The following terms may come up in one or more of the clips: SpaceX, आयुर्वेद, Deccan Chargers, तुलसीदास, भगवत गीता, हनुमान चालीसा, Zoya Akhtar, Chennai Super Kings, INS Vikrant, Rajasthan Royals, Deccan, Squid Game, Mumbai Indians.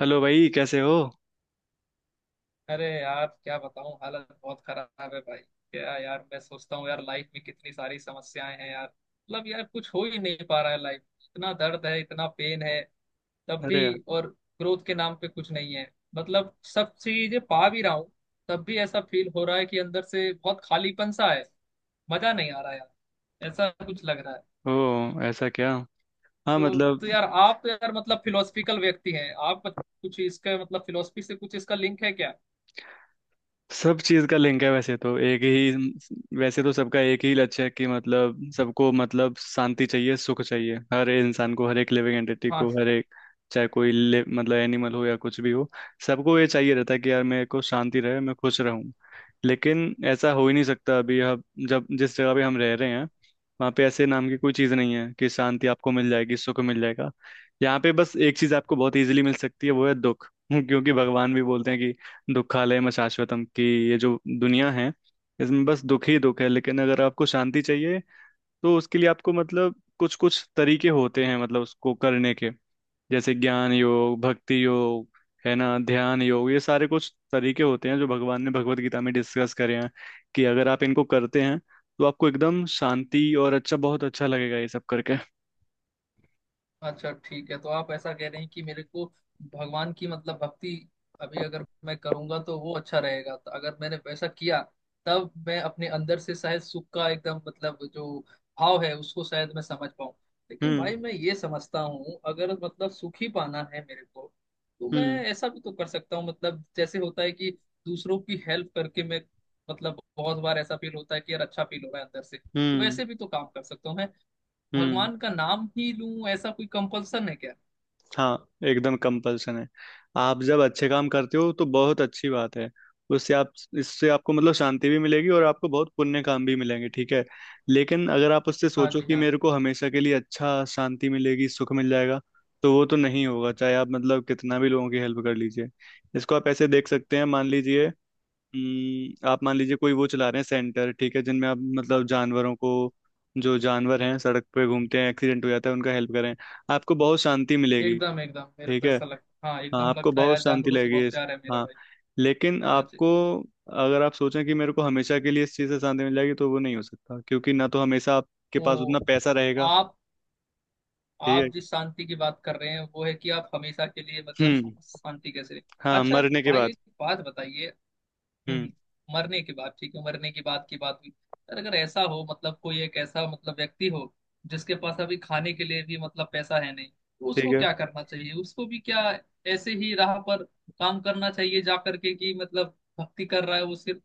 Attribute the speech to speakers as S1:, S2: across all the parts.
S1: Hello भाई कैसे हो।
S2: अरे यार क्या बताऊं, हालत बहुत खराब है भाई। क्या यार, मैं सोचता हूँ यार, लाइफ में कितनी सारी समस्याएं हैं यार। मतलब यार कुछ हो ही नहीं पा रहा है। लाइफ इतना दर्द है, इतना पेन है। तब भी।
S1: अरे यार।
S2: और ग्रोथ के नाम पे कुछ नहीं है। मतलब सब चीजें पा भी रहा हूँ तब भी ऐसा फील हो रहा है कि अंदर से बहुत खालीपन सा है। मजा नहीं आ रहा यार, ऐसा कुछ लग रहा है।
S1: ओ ऐसा क्या। हाँ
S2: तो
S1: मतलब
S2: यार आप यार मतलब फिलोसफिकल व्यक्ति हैं, आप कुछ इसके मतलब फिलोसफी से कुछ इसका लिंक है क्या?
S1: सब चीज़ का लिंक है, वैसे तो सबका एक ही लक्ष्य है कि मतलब सबको मतलब शांति चाहिए, सुख चाहिए, हर इंसान को, हर एक लिविंग एंटिटी को,
S2: हाँ।
S1: हर एक चाहे कोई ले, मतलब एनिमल हो या कुछ भी हो। सबको ये चाहिए रहता है कि यार मेरे को शांति रहे, मैं खुश रहूं। लेकिन ऐसा हो ही नहीं सकता। अभी हम जब जिस जगह पे हम रह रहे हैं, वहाँ पे ऐसे नाम की कोई चीज़ नहीं है कि शांति आपको मिल जाएगी, सुख मिल जाएगा। यहाँ पे बस एक चीज़ आपको बहुत इजीली मिल सकती है, वो है दुख। क्योंकि भगवान भी बोलते हैं कि दुखालयम शाश्वतम की ये जो दुनिया है, इसमें बस दुख ही दुख है। लेकिन अगर आपको शांति चाहिए, तो उसके लिए आपको मतलब कुछ कुछ तरीके होते हैं, मतलब उसको करने के। जैसे ज्ञान योग, भक्ति योग, है ना, ध्यान योग, ये सारे कुछ तरीके होते हैं जो भगवान ने भगवत गीता में डिस्कस करे हैं कि अगर आप इनको करते हैं तो आपको एकदम शांति और अच्छा, बहुत अच्छा लगेगा ये सब करके।
S2: अच्छा ठीक है, तो आप ऐसा कह रहे हैं कि मेरे को भगवान की मतलब भक्ति अभी अगर मैं करूंगा तो वो अच्छा रहेगा। तो अगर मैंने वैसा किया तब मैं अपने अंदर से शायद सुख का एकदम मतलब जो भाव है उसको शायद मैं समझ पाऊं। लेकिन
S1: हम्म।
S2: भाई मैं ये समझता हूँ, अगर मतलब सुख ही पाना है मेरे को तो मैं
S1: हम्म।
S2: ऐसा भी तो कर सकता हूँ। मतलब जैसे होता है कि दूसरों की हेल्प करके मैं मतलब बहुत बार ऐसा फील होता है कि यार अच्छा फील हो रहा है अंदर से।
S1: हम्म।
S2: वैसे भी तो काम कर सकता हूँ।
S1: हम्म।
S2: भगवान का नाम ही लूं ऐसा कोई कंपल्सन है क्या?
S1: हाँ एकदम कंपल्सन है। आप जब अच्छे काम करते हो तो बहुत अच्छी बात है। उससे आप इससे आपको मतलब शांति भी मिलेगी और आपको बहुत पुण्य काम भी मिलेंगे, ठीक है। लेकिन अगर आप उससे
S2: हाँ
S1: सोचो
S2: जी
S1: कि
S2: हाँ।
S1: मेरे को हमेशा के लिए अच्छा शांति मिलेगी, सुख मिल जाएगा, तो वो तो नहीं होगा, चाहे आप मतलब कितना भी लोगों की हेल्प कर लीजिए। इसको आप ऐसे देख सकते हैं। मान लीजिए आप मान लीजिए कोई वो चला रहे हैं सेंटर, ठीक है, जिनमें आप मतलब जानवरों को, जो जानवर हैं सड़क पे घूमते हैं एक्सीडेंट हो जाता है, उनका हेल्प करें। आपको बहुत शांति मिलेगी।
S2: एकदम एकदम मेरे
S1: ठीक
S2: को
S1: है।
S2: ऐसा लगता, हाँ
S1: हाँ
S2: एकदम
S1: आपको
S2: लगता है
S1: बहुत
S2: यार,
S1: शांति
S2: जानवरों से
S1: लगेगी
S2: बहुत प्यार है मेरा
S1: हाँ।
S2: भाई।
S1: लेकिन
S2: हाँ जी।
S1: आपको अगर आप सोचें कि मेरे को हमेशा के लिए इस चीज़ से शांति मिल जाएगी तो वो नहीं हो सकता, क्योंकि ना तो हमेशा आपके
S2: ओ
S1: पास उतना पैसा रहेगा।
S2: आप
S1: ठीक है।
S2: आप जिस शांति की बात कर रहे हैं वो है कि आप हमेशा के लिए मतलब
S1: हम्म।
S2: शांति कैसे रहे।
S1: हाँ
S2: अच्छा।
S1: मरने के
S2: भाई
S1: बाद।
S2: एक बात बताइए। हम्म,
S1: हम्म।
S2: हम्म। मरने के बाद ठीक है, मरने के बाद की बात हुई। यार अगर ऐसा हो मतलब कोई एक ऐसा मतलब व्यक्ति हो जिसके पास अभी खाने के लिए भी मतलब पैसा है नहीं तो
S1: ठीक
S2: उसको
S1: है।
S2: क्या करना चाहिए? उसको भी क्या ऐसे ही राह पर काम करना चाहिए जा करके कि मतलब भक्ति कर रहा है वो सिर्फ,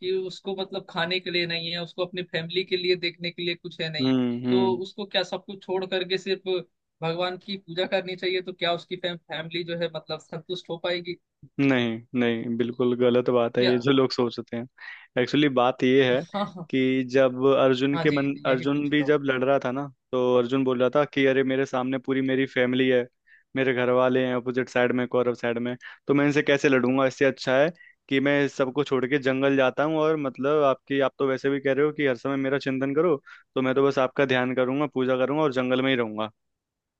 S2: कि उसको मतलब खाने के लिए नहीं है, उसको अपनी फैमिली के लिए देखने के लिए कुछ है नहीं।
S1: हम्म।
S2: तो
S1: हम्म।
S2: उसको क्या सब कुछ छोड़ करके सिर्फ भगवान की पूजा करनी चाहिए? तो क्या उसकी फैमिली जो है मतलब संतुष्ट हो पाएगी?
S1: नहीं नहीं बिल्कुल गलत बात है
S2: क्या?
S1: ये जो लोग सोचते हैं। एक्चुअली बात ये
S2: हाँ
S1: है
S2: हाँ हाँ।
S1: कि जब अर्जुन
S2: हाँ
S1: के
S2: जी,
S1: मन
S2: यही
S1: अर्जुन
S2: पूछ
S1: भी
S2: रहा हूँ।
S1: जब लड़ रहा था ना, तो अर्जुन बोल रहा था कि अरे मेरे सामने पूरी मेरी फैमिली है, मेरे घर वाले हैं अपोजिट साइड में, कौरव साइड में। तो मैं इनसे कैसे लड़ूंगा, इससे अच्छा है कि मैं सबको छोड़ के जंगल जाता हूँ। और मतलब आपकी, आप तो वैसे भी कह रहे हो कि हर समय मेरा चिंतन करो, तो मैं तो बस आपका ध्यान करूंगा, पूजा करूंगा और जंगल में ही रहूंगा,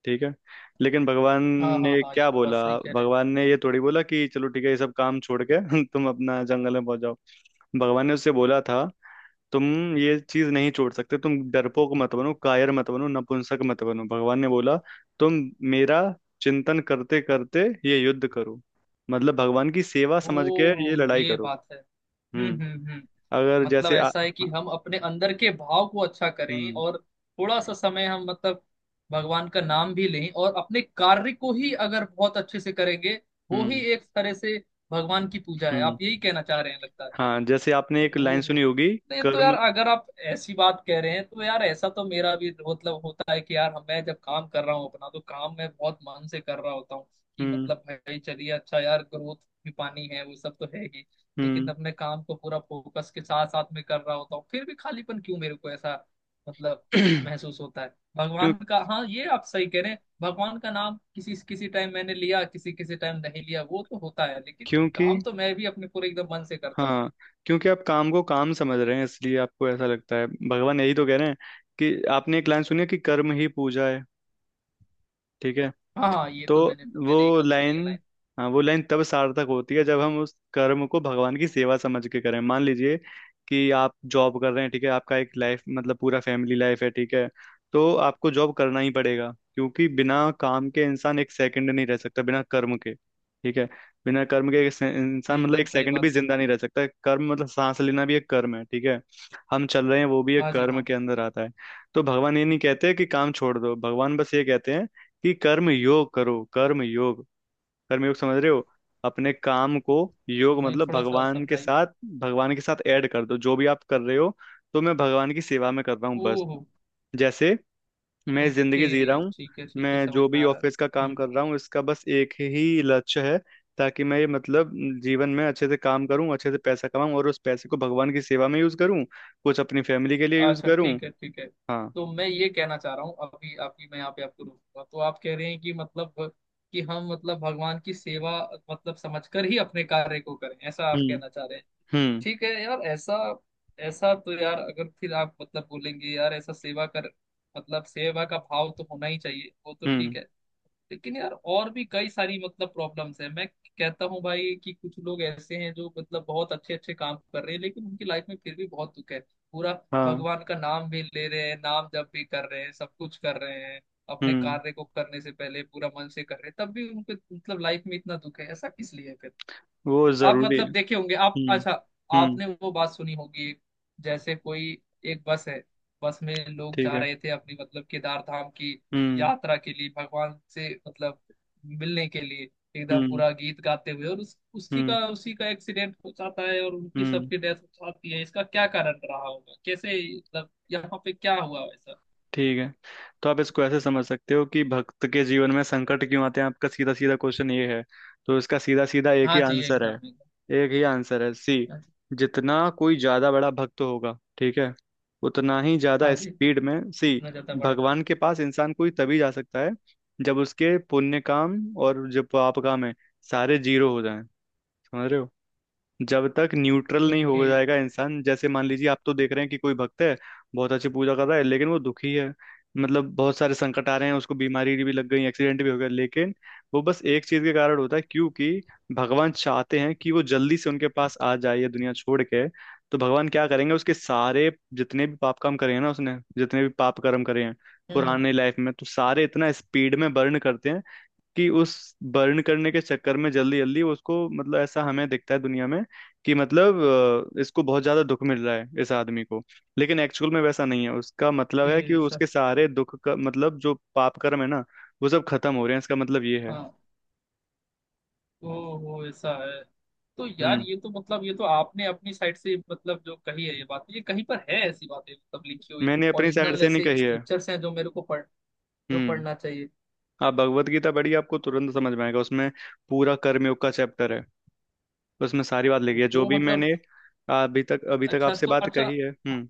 S1: ठीक है। लेकिन भगवान
S2: हाँ हाँ
S1: ने
S2: हाँ, ये
S1: क्या
S2: भी बात
S1: बोला?
S2: सही कह रहे हैं।
S1: भगवान ने ये थोड़ी बोला कि चलो ठीक है ये सब काम छोड़ के तुम अपना जंगल में पहुंच जाओ। भगवान ने उससे बोला था, तुम ये चीज नहीं छोड़ सकते, तुम डरपोक मत बनो, कायर मत बनो, नपुंसक मत बनो। भगवान ने बोला तुम मेरा चिंतन करते करते ये युद्ध करो, मतलब भगवान की सेवा समझ के ये
S2: ओ
S1: लड़ाई
S2: ये
S1: करो।
S2: बात है।
S1: हम्म।
S2: हम्म।
S1: अगर
S2: मतलब
S1: जैसे आ,
S2: ऐसा है कि
S1: हाँ।
S2: हम अपने अंदर के भाव को अच्छा करें
S1: हम्म।
S2: और थोड़ा सा समय हम मतलब भगवान का नाम भी लें और अपने कार्य को ही अगर बहुत अच्छे से करेंगे वो ही
S1: हम्म।
S2: एक तरह से भगवान की पूजा है।
S1: हम्म।
S2: आप यही कहना चाह रहे हैं लगता है।
S1: हाँ। जैसे आपने एक लाइन
S2: ओह।
S1: सुनी होगी।
S2: नहीं तो यार
S1: कर्म।
S2: अगर आप ऐसी बात कह रहे हैं तो यार ऐसा तो मेरा भी मतलब होता है कि यार मैं जब काम कर रहा हूँ अपना तो काम मैं बहुत मन से कर रहा होता हूँ कि
S1: हम्म।
S2: मतलब भाई चलिए अच्छा यार ग्रोथ भी पानी है वो सब तो है ही। लेकिन
S1: हम्म।
S2: अपने काम को पूरा फोकस के साथ साथ में कर रहा होता हूँ फिर भी खालीपन क्यों मेरे को ऐसा मतलब महसूस होता है?
S1: क्यों?
S2: भगवान का, हाँ ये आप सही कह रहे हैं। भगवान का नाम किसी किसी टाइम मैंने लिया, किसी किसी टाइम नहीं लिया, वो तो होता है, लेकिन
S1: क्योंकि
S2: काम तो मैं भी अपने पूरे एकदम मन से करता हूँ।
S1: हाँ क्योंकि आप काम को काम समझ रहे हैं, इसलिए आपको ऐसा लगता है। भगवान यही तो कह रहे हैं कि आपने एक लाइन सुनी है कि कर्म ही पूजा है, ठीक है।
S2: हाँ हाँ, ये
S1: तो
S2: तो मैंने मैंने
S1: वो
S2: एकदम सुनी है
S1: लाइन
S2: लाइन।
S1: हाँ वो लाइन तब सार्थक होती है जब हम उस कर्म को भगवान की सेवा समझ के करें। मान लीजिए कि आप जॉब कर रहे हैं, ठीक है, आपका एक लाइफ मतलब पूरा फैमिली लाइफ है, ठीक है। तो आपको जॉब करना ही पड़ेगा, क्योंकि बिना काम के इंसान एक सेकंड नहीं रह सकता, बिना कर्म के, ठीक है। बिना कर्म के
S2: ये
S1: इंसान मतलब
S2: एकदम
S1: एक
S2: सही
S1: सेकंड
S2: बात
S1: भी
S2: बोल रहे
S1: जिंदा नहीं रह सकता। कर्म मतलब सांस लेना भी एक कर्म है, ठीक है। हम चल रहे हैं वो भी
S2: हो।
S1: एक
S2: हाँ जी
S1: कर्म
S2: हाँ
S1: के
S2: जी।
S1: अंदर आता है। तो भगवान ये नहीं कहते कि काम छोड़ दो, भगवान बस ये कहते हैं कि कर्म योग करो, कर्म योग। कर्म योग समझ रहे हो? अपने काम को योग
S2: नहीं
S1: मतलब
S2: थोड़ा सा
S1: भगवान के
S2: समझाइए।
S1: साथ, भगवान के साथ ऐड कर दो जो भी आप कर रहे हो। तो मैं भगवान की सेवा में कर रहा हूँ, बस
S2: ओहो।
S1: जैसे मैं
S2: ओके
S1: जिंदगी जी रहा हूँ।
S2: ठीक है ठीक है,
S1: मैं
S2: समझ
S1: जो
S2: में
S1: भी
S2: आ रहा
S1: ऑफिस का
S2: है।
S1: काम
S2: हम्म।
S1: कर रहा हूँ इसका बस एक ही लक्ष्य है ताकि मैं ये मतलब जीवन में अच्छे से काम करूँ, अच्छे से पैसा कमाऊं और उस पैसे को भगवान की सेवा में यूज करूँ, कुछ अपनी फैमिली के लिए यूज
S2: अच्छा
S1: करूँ।
S2: ठीक है ठीक है।
S1: हाँ।
S2: तो मैं ये कहना चाह रहा हूँ, अभी आपकी मैं यहाँ पे आपको रोकूंगा। तो आप कह रहे हैं कि मतलब कि हम मतलब भगवान की सेवा मतलब समझकर ही अपने कार्य को करें, ऐसा आप
S1: हम्म।
S2: कहना चाह रहे हैं।
S1: हम्म।
S2: ठीक है यार। ऐसा ऐसा तो यार अगर फिर आप मतलब बोलेंगे यार ऐसा सेवा कर, मतलब सेवा का भाव तो होना ही चाहिए, वो तो
S1: हम्म।
S2: ठीक है। लेकिन यार और भी कई सारी मतलब प्रॉब्लम्स हैं। मैं कहता हूँ भाई कि कुछ लोग ऐसे हैं जो मतलब बहुत अच्छे अच्छे काम कर रहे हैं लेकिन उनकी लाइफ में फिर भी बहुत दुख है पूरा।
S1: हाँ।
S2: भगवान का नाम भी ले रहे हैं, नाम जप भी कर रहे हैं, सब कुछ कर रहे हैं, अपने
S1: हम्म।
S2: कार्य को करने से पहले पूरा मन से कर रहे हैं, तब भी उनको मतलब लाइफ में इतना दुख है, ऐसा किस लिए है फिर?
S1: वो
S2: आप
S1: जरूरी।
S2: मतलब देखे होंगे। आप
S1: हम्म।
S2: अच्छा,
S1: हम्म।
S2: आपने वो बात सुनी होगी। जैसे कोई एक बस है, बस में लोग
S1: ठीक
S2: जा
S1: है।
S2: रहे थे अपनी मतलब केदार धाम की
S1: हम्म।
S2: यात्रा के लिए, भगवान से मतलब मिलने के लिए, एकदम
S1: हम्म।
S2: पूरा गीत गाते हुए, और उस
S1: हम्म।
S2: उसी का एक्सीडेंट हो जाता है और उनकी
S1: हम्म।
S2: सबकी डेथ हो जाती है। इसका क्या कारण रहा होगा, कैसे मतलब यहाँ पे क्या हुआ वैसा?
S1: ठीक है तो आप इसको ऐसे समझ सकते हो कि भक्त के जीवन में संकट क्यों आते हैं, आपका सीधा सीधा क्वेश्चन ये है। तो इसका सीधा सीधा एक ही
S2: हाँ जी
S1: आंसर है।
S2: एकदम एकदम।
S1: एक ही आंसर है, सी
S2: हाँ जी
S1: जितना कोई ज्यादा बड़ा भक्त होगा, ठीक है, उतना ही ज्यादा
S2: हाँ जी,
S1: स्पीड में सी
S2: इतना ज्यादा बड़ा।
S1: भगवान के पास इंसान कोई तभी जा सकता है जब उसके पुण्य काम और जो पाप काम है, सारे जीरो हो जाएं। समझ रहे हो? जब तक न्यूट्रल नहीं
S2: ओके।
S1: हो जाएगा इंसान, जैसे मान लीजिए आप तो देख रहे हैं कि कोई भक्त है, बहुत अच्छी पूजा कर रहा है लेकिन वो दुखी है, मतलब बहुत सारे संकट आ रहे हैं उसको, बीमारी भी लग गई, एक्सीडेंट भी हो गया, लेकिन वो बस एक चीज के कारण होता है, क्योंकि भगवान चाहते हैं कि वो जल्दी से उनके पास आ जाए, ये दुनिया छोड़ के। तो भगवान क्या करेंगे, उसके सारे जितने भी पाप काम करे हैं ना, उसने जितने भी पाप कर्म करे हैं
S2: हम्म हम्म,
S1: पुराने लाइफ में, तो सारे इतना स्पीड में बर्न करते हैं कि उस बर्न करने के चक्कर में जल्दी जल्दी उसको मतलब ऐसा हमें दिखता है दुनिया में कि मतलब इसको बहुत ज्यादा दुख मिल रहा है इस आदमी को। लेकिन एक्चुअल में वैसा नहीं है, उसका मतलब है कि
S2: ओके सर।
S1: उसके सारे दुख का मतलब जो पाप कर्म है ना, वो सब खत्म हो रहे हैं, इसका मतलब ये है।
S2: हाँ। ओ ऐसा है। तो यार
S1: हम्म।
S2: ये तो मतलब ये तो आपने अपनी साइड से मतलब जो कही है ये बात, ये कहीं पर है? ऐसी बातें मतलब लिखी हुई
S1: मैंने अपनी साइड
S2: ओरिजिनल
S1: से नहीं
S2: ऐसे
S1: कही है।
S2: स्क्रिप्चर्स हैं जो मेरे को पढ़ जो
S1: हम्म।
S2: पढ़ना चाहिए?
S1: आप भगवत गीता पढ़िए, आपको तुरंत समझ में आएगा। उसमें पूरा कर्मयोग का चैप्टर है, उसमें सारी बात
S2: तो,
S1: लिखी है जो
S2: तो
S1: भी
S2: मतलब
S1: मैंने अभी तक
S2: अच्छा,
S1: आपसे
S2: तो
S1: बात
S2: अच्छा
S1: कही है। हम्म।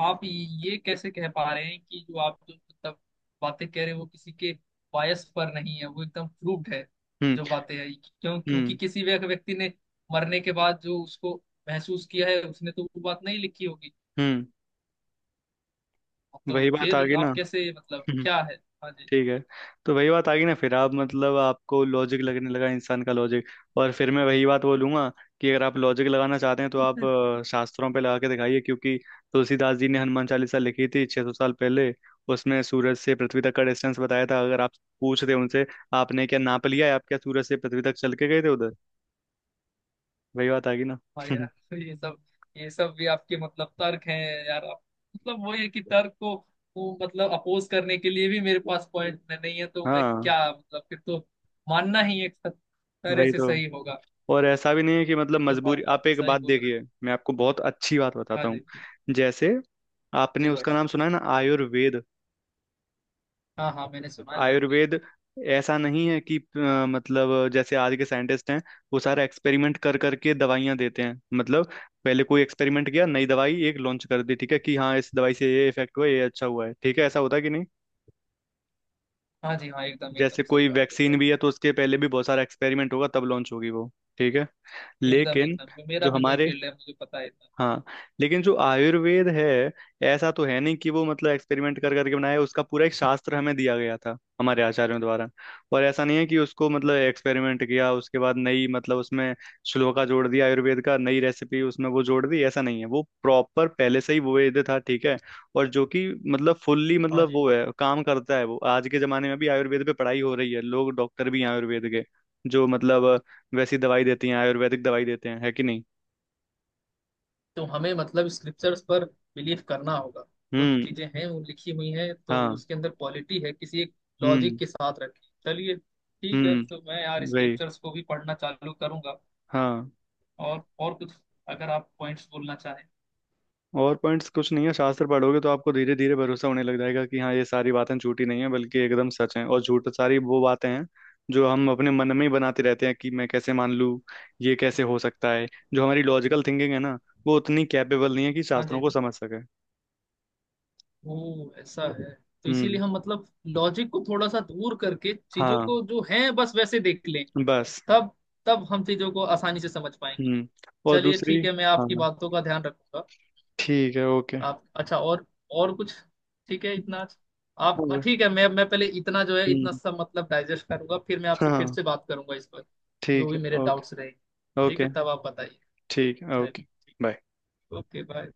S2: आप ये कैसे कह पा रहे हैं कि जो आप जो मतलब बातें कह रहे हो वो किसी के बायस पर नहीं है, वो एकदम प्रूव्ड है
S1: हम्म।
S2: जो बातें है? क्यों? क्योंकि
S1: हम्म।
S2: किसी व्यक्ति ने मरने के बाद जो उसको महसूस किया है उसने तो वो बात नहीं लिखी होगी,
S1: हम्म।
S2: तो
S1: वही बात आ
S2: फिर
S1: गई ना।
S2: आप कैसे मतलब
S1: हम्म।
S2: क्या है? हाँ जी।
S1: ठीक है। तो वही बात आ गई ना, फिर आप मतलब आपको लॉजिक लगने लगा, इंसान का लॉजिक। और फिर मैं वही बात बोलूंगा कि अगर आप लॉजिक लगाना चाहते हैं तो आप शास्त्रों पे लगा के दिखाइए। क्योंकि तुलसीदास जी ने हनुमान चालीसा लिखी थी 600 साल पहले, उसमें सूरज से पृथ्वी तक का डिस्टेंस बताया था। अगर आप पूछ रहे उनसे, आपने क्या नाप लिया है? आप क्या सूरज से पृथ्वी तक चल के गए थे उधर? वही बात आ गई ना।
S2: हाँ यार, तो ये सब भी आपके मतलब तर्क हैं यार। आप मतलब वही है कि तर्क को मतलब अपोज करने के लिए भी मेरे पास पॉइंट नहीं है, तो मैं
S1: हाँ।
S2: क्या मतलब फिर तो मानना ही एक तरह
S1: वही
S2: से
S1: तो।
S2: सही होगा।
S1: और ऐसा भी नहीं है कि
S2: ये
S1: मतलब
S2: तो
S1: मजबूरी।
S2: बात आप
S1: आप एक
S2: सही
S1: बात
S2: बोल रहे हो।
S1: देखिए, मैं आपको बहुत अच्छी बात
S2: हाँ
S1: बताता हूँ।
S2: जी।
S1: जैसे आपने
S2: जी भाई,
S1: उसका नाम सुना है ना, आयुर्वेद।
S2: हाँ हाँ मैंने सुना है आयुर्वेद।
S1: आयुर्वेद ऐसा नहीं है कि मतलब जैसे आज के साइंटिस्ट हैं वो सारा एक्सपेरिमेंट कर करके दवाइयां देते हैं, मतलब पहले कोई एक्सपेरिमेंट किया, नई दवाई एक लॉन्च कर दी, ठीक है, कि हाँ इस दवाई से ये इफेक्ट हुआ, ये अच्छा हुआ है, ठीक है, ऐसा होता है कि नहीं।
S2: हाँ जी हाँ एकदम एकदम
S1: जैसे
S2: सही
S1: कोई
S2: बात बोल रहे
S1: वैक्सीन भी है तो उसके पहले भी बहुत सारा एक्सपेरिमेंट होगा तब लॉन्च होगी वो, ठीक है।
S2: हैं। एकदम
S1: लेकिन
S2: एकदम मेरा
S1: जो
S2: भी वही
S1: हमारे
S2: फील्ड है, मुझे पता है इतना।
S1: हाँ, लेकिन जो आयुर्वेद है, ऐसा तो है नहीं कि वो मतलब एक्सपेरिमेंट कर करके बनाया है, उसका पूरा एक शास्त्र हमें दिया गया था हमारे आचार्यों द्वारा। और ऐसा नहीं है कि उसको मतलब एक्सपेरिमेंट किया उसके बाद नई मतलब उसमें श्लोका जोड़ दिया आयुर्वेद का, नई रेसिपी उसमें वो जोड़ दी, ऐसा नहीं है। वो प्रॉपर पहले से ही वो वेद था, ठीक है। और जो कि मतलब फुल्ली
S2: हाँ
S1: मतलब
S2: जी।
S1: वो है काम करता है, वो आज के जमाने में भी आयुर्वेद पे पढ़ाई हो रही है, लोग डॉक्टर भी हैं आयुर्वेद के जो मतलब वैसी दवाई देती हैं, आयुर्वेदिक दवाई देते हैं, है कि नहीं।
S2: तो हमें मतलब स्क्रिप्चर्स पर बिलीव करना होगा, जो
S1: हम्म।
S2: चीजें हैं वो लिखी हुई हैं तो
S1: हाँ।
S2: उसके अंदर क्वालिटी है किसी एक लॉजिक
S1: हम्म।
S2: के साथ रखी। चलिए ठीक है,
S1: हम्म।
S2: तो मैं यार
S1: वही।
S2: स्क्रिप्चर्स को भी पढ़ना चालू करूंगा।
S1: हाँ।
S2: और कुछ अगर आप पॉइंट्स बोलना चाहें?
S1: और पॉइंट्स कुछ नहीं है, शास्त्र पढ़ोगे तो आपको धीरे धीरे भरोसा होने लग जाएगा कि हाँ ये सारी बातें झूठी नहीं है, बल्कि एकदम सच हैं। और झूठ सारी वो बातें हैं जो हम अपने मन में ही बनाते रहते हैं कि मैं कैसे मान लूँ, ये कैसे हो सकता है। जो हमारी लॉजिकल थिंकिंग है ना, वो उतनी कैपेबल नहीं है कि
S2: हाँ
S1: शास्त्रों
S2: जी।
S1: को समझ सके।
S2: वो ऐसा है, तो इसीलिए
S1: हम्म।
S2: हम मतलब लॉजिक को थोड़ा सा दूर करके चीजों
S1: हाँ।
S2: को जो है बस वैसे देख लें
S1: बस।
S2: तब तब हम चीजों को आसानी से समझ पाएंगे।
S1: हम्म। और
S2: चलिए
S1: दूसरी।
S2: ठीक है, मैं
S1: हाँ।
S2: आपकी बातों का ध्यान रखूंगा।
S1: ठीक है, ओके।
S2: आप अच्छा, और कुछ? ठीक है इतना अच्छा। आप हाँ, ठीक है। मैं पहले इतना जो है
S1: हम्म।
S2: इतना सब मतलब डाइजेस्ट करूंगा फिर मैं आपसे फिर
S1: हाँ।
S2: से बात करूंगा इस पर जो
S1: ठीक
S2: भी
S1: है,
S2: मेरे डाउट्स
S1: ओके।
S2: रहेंगे। ठीक
S1: ओके।
S2: है तब आप बताइए।
S1: ठीक है,
S2: चलिए
S1: ओके। बाय।
S2: Okay bye.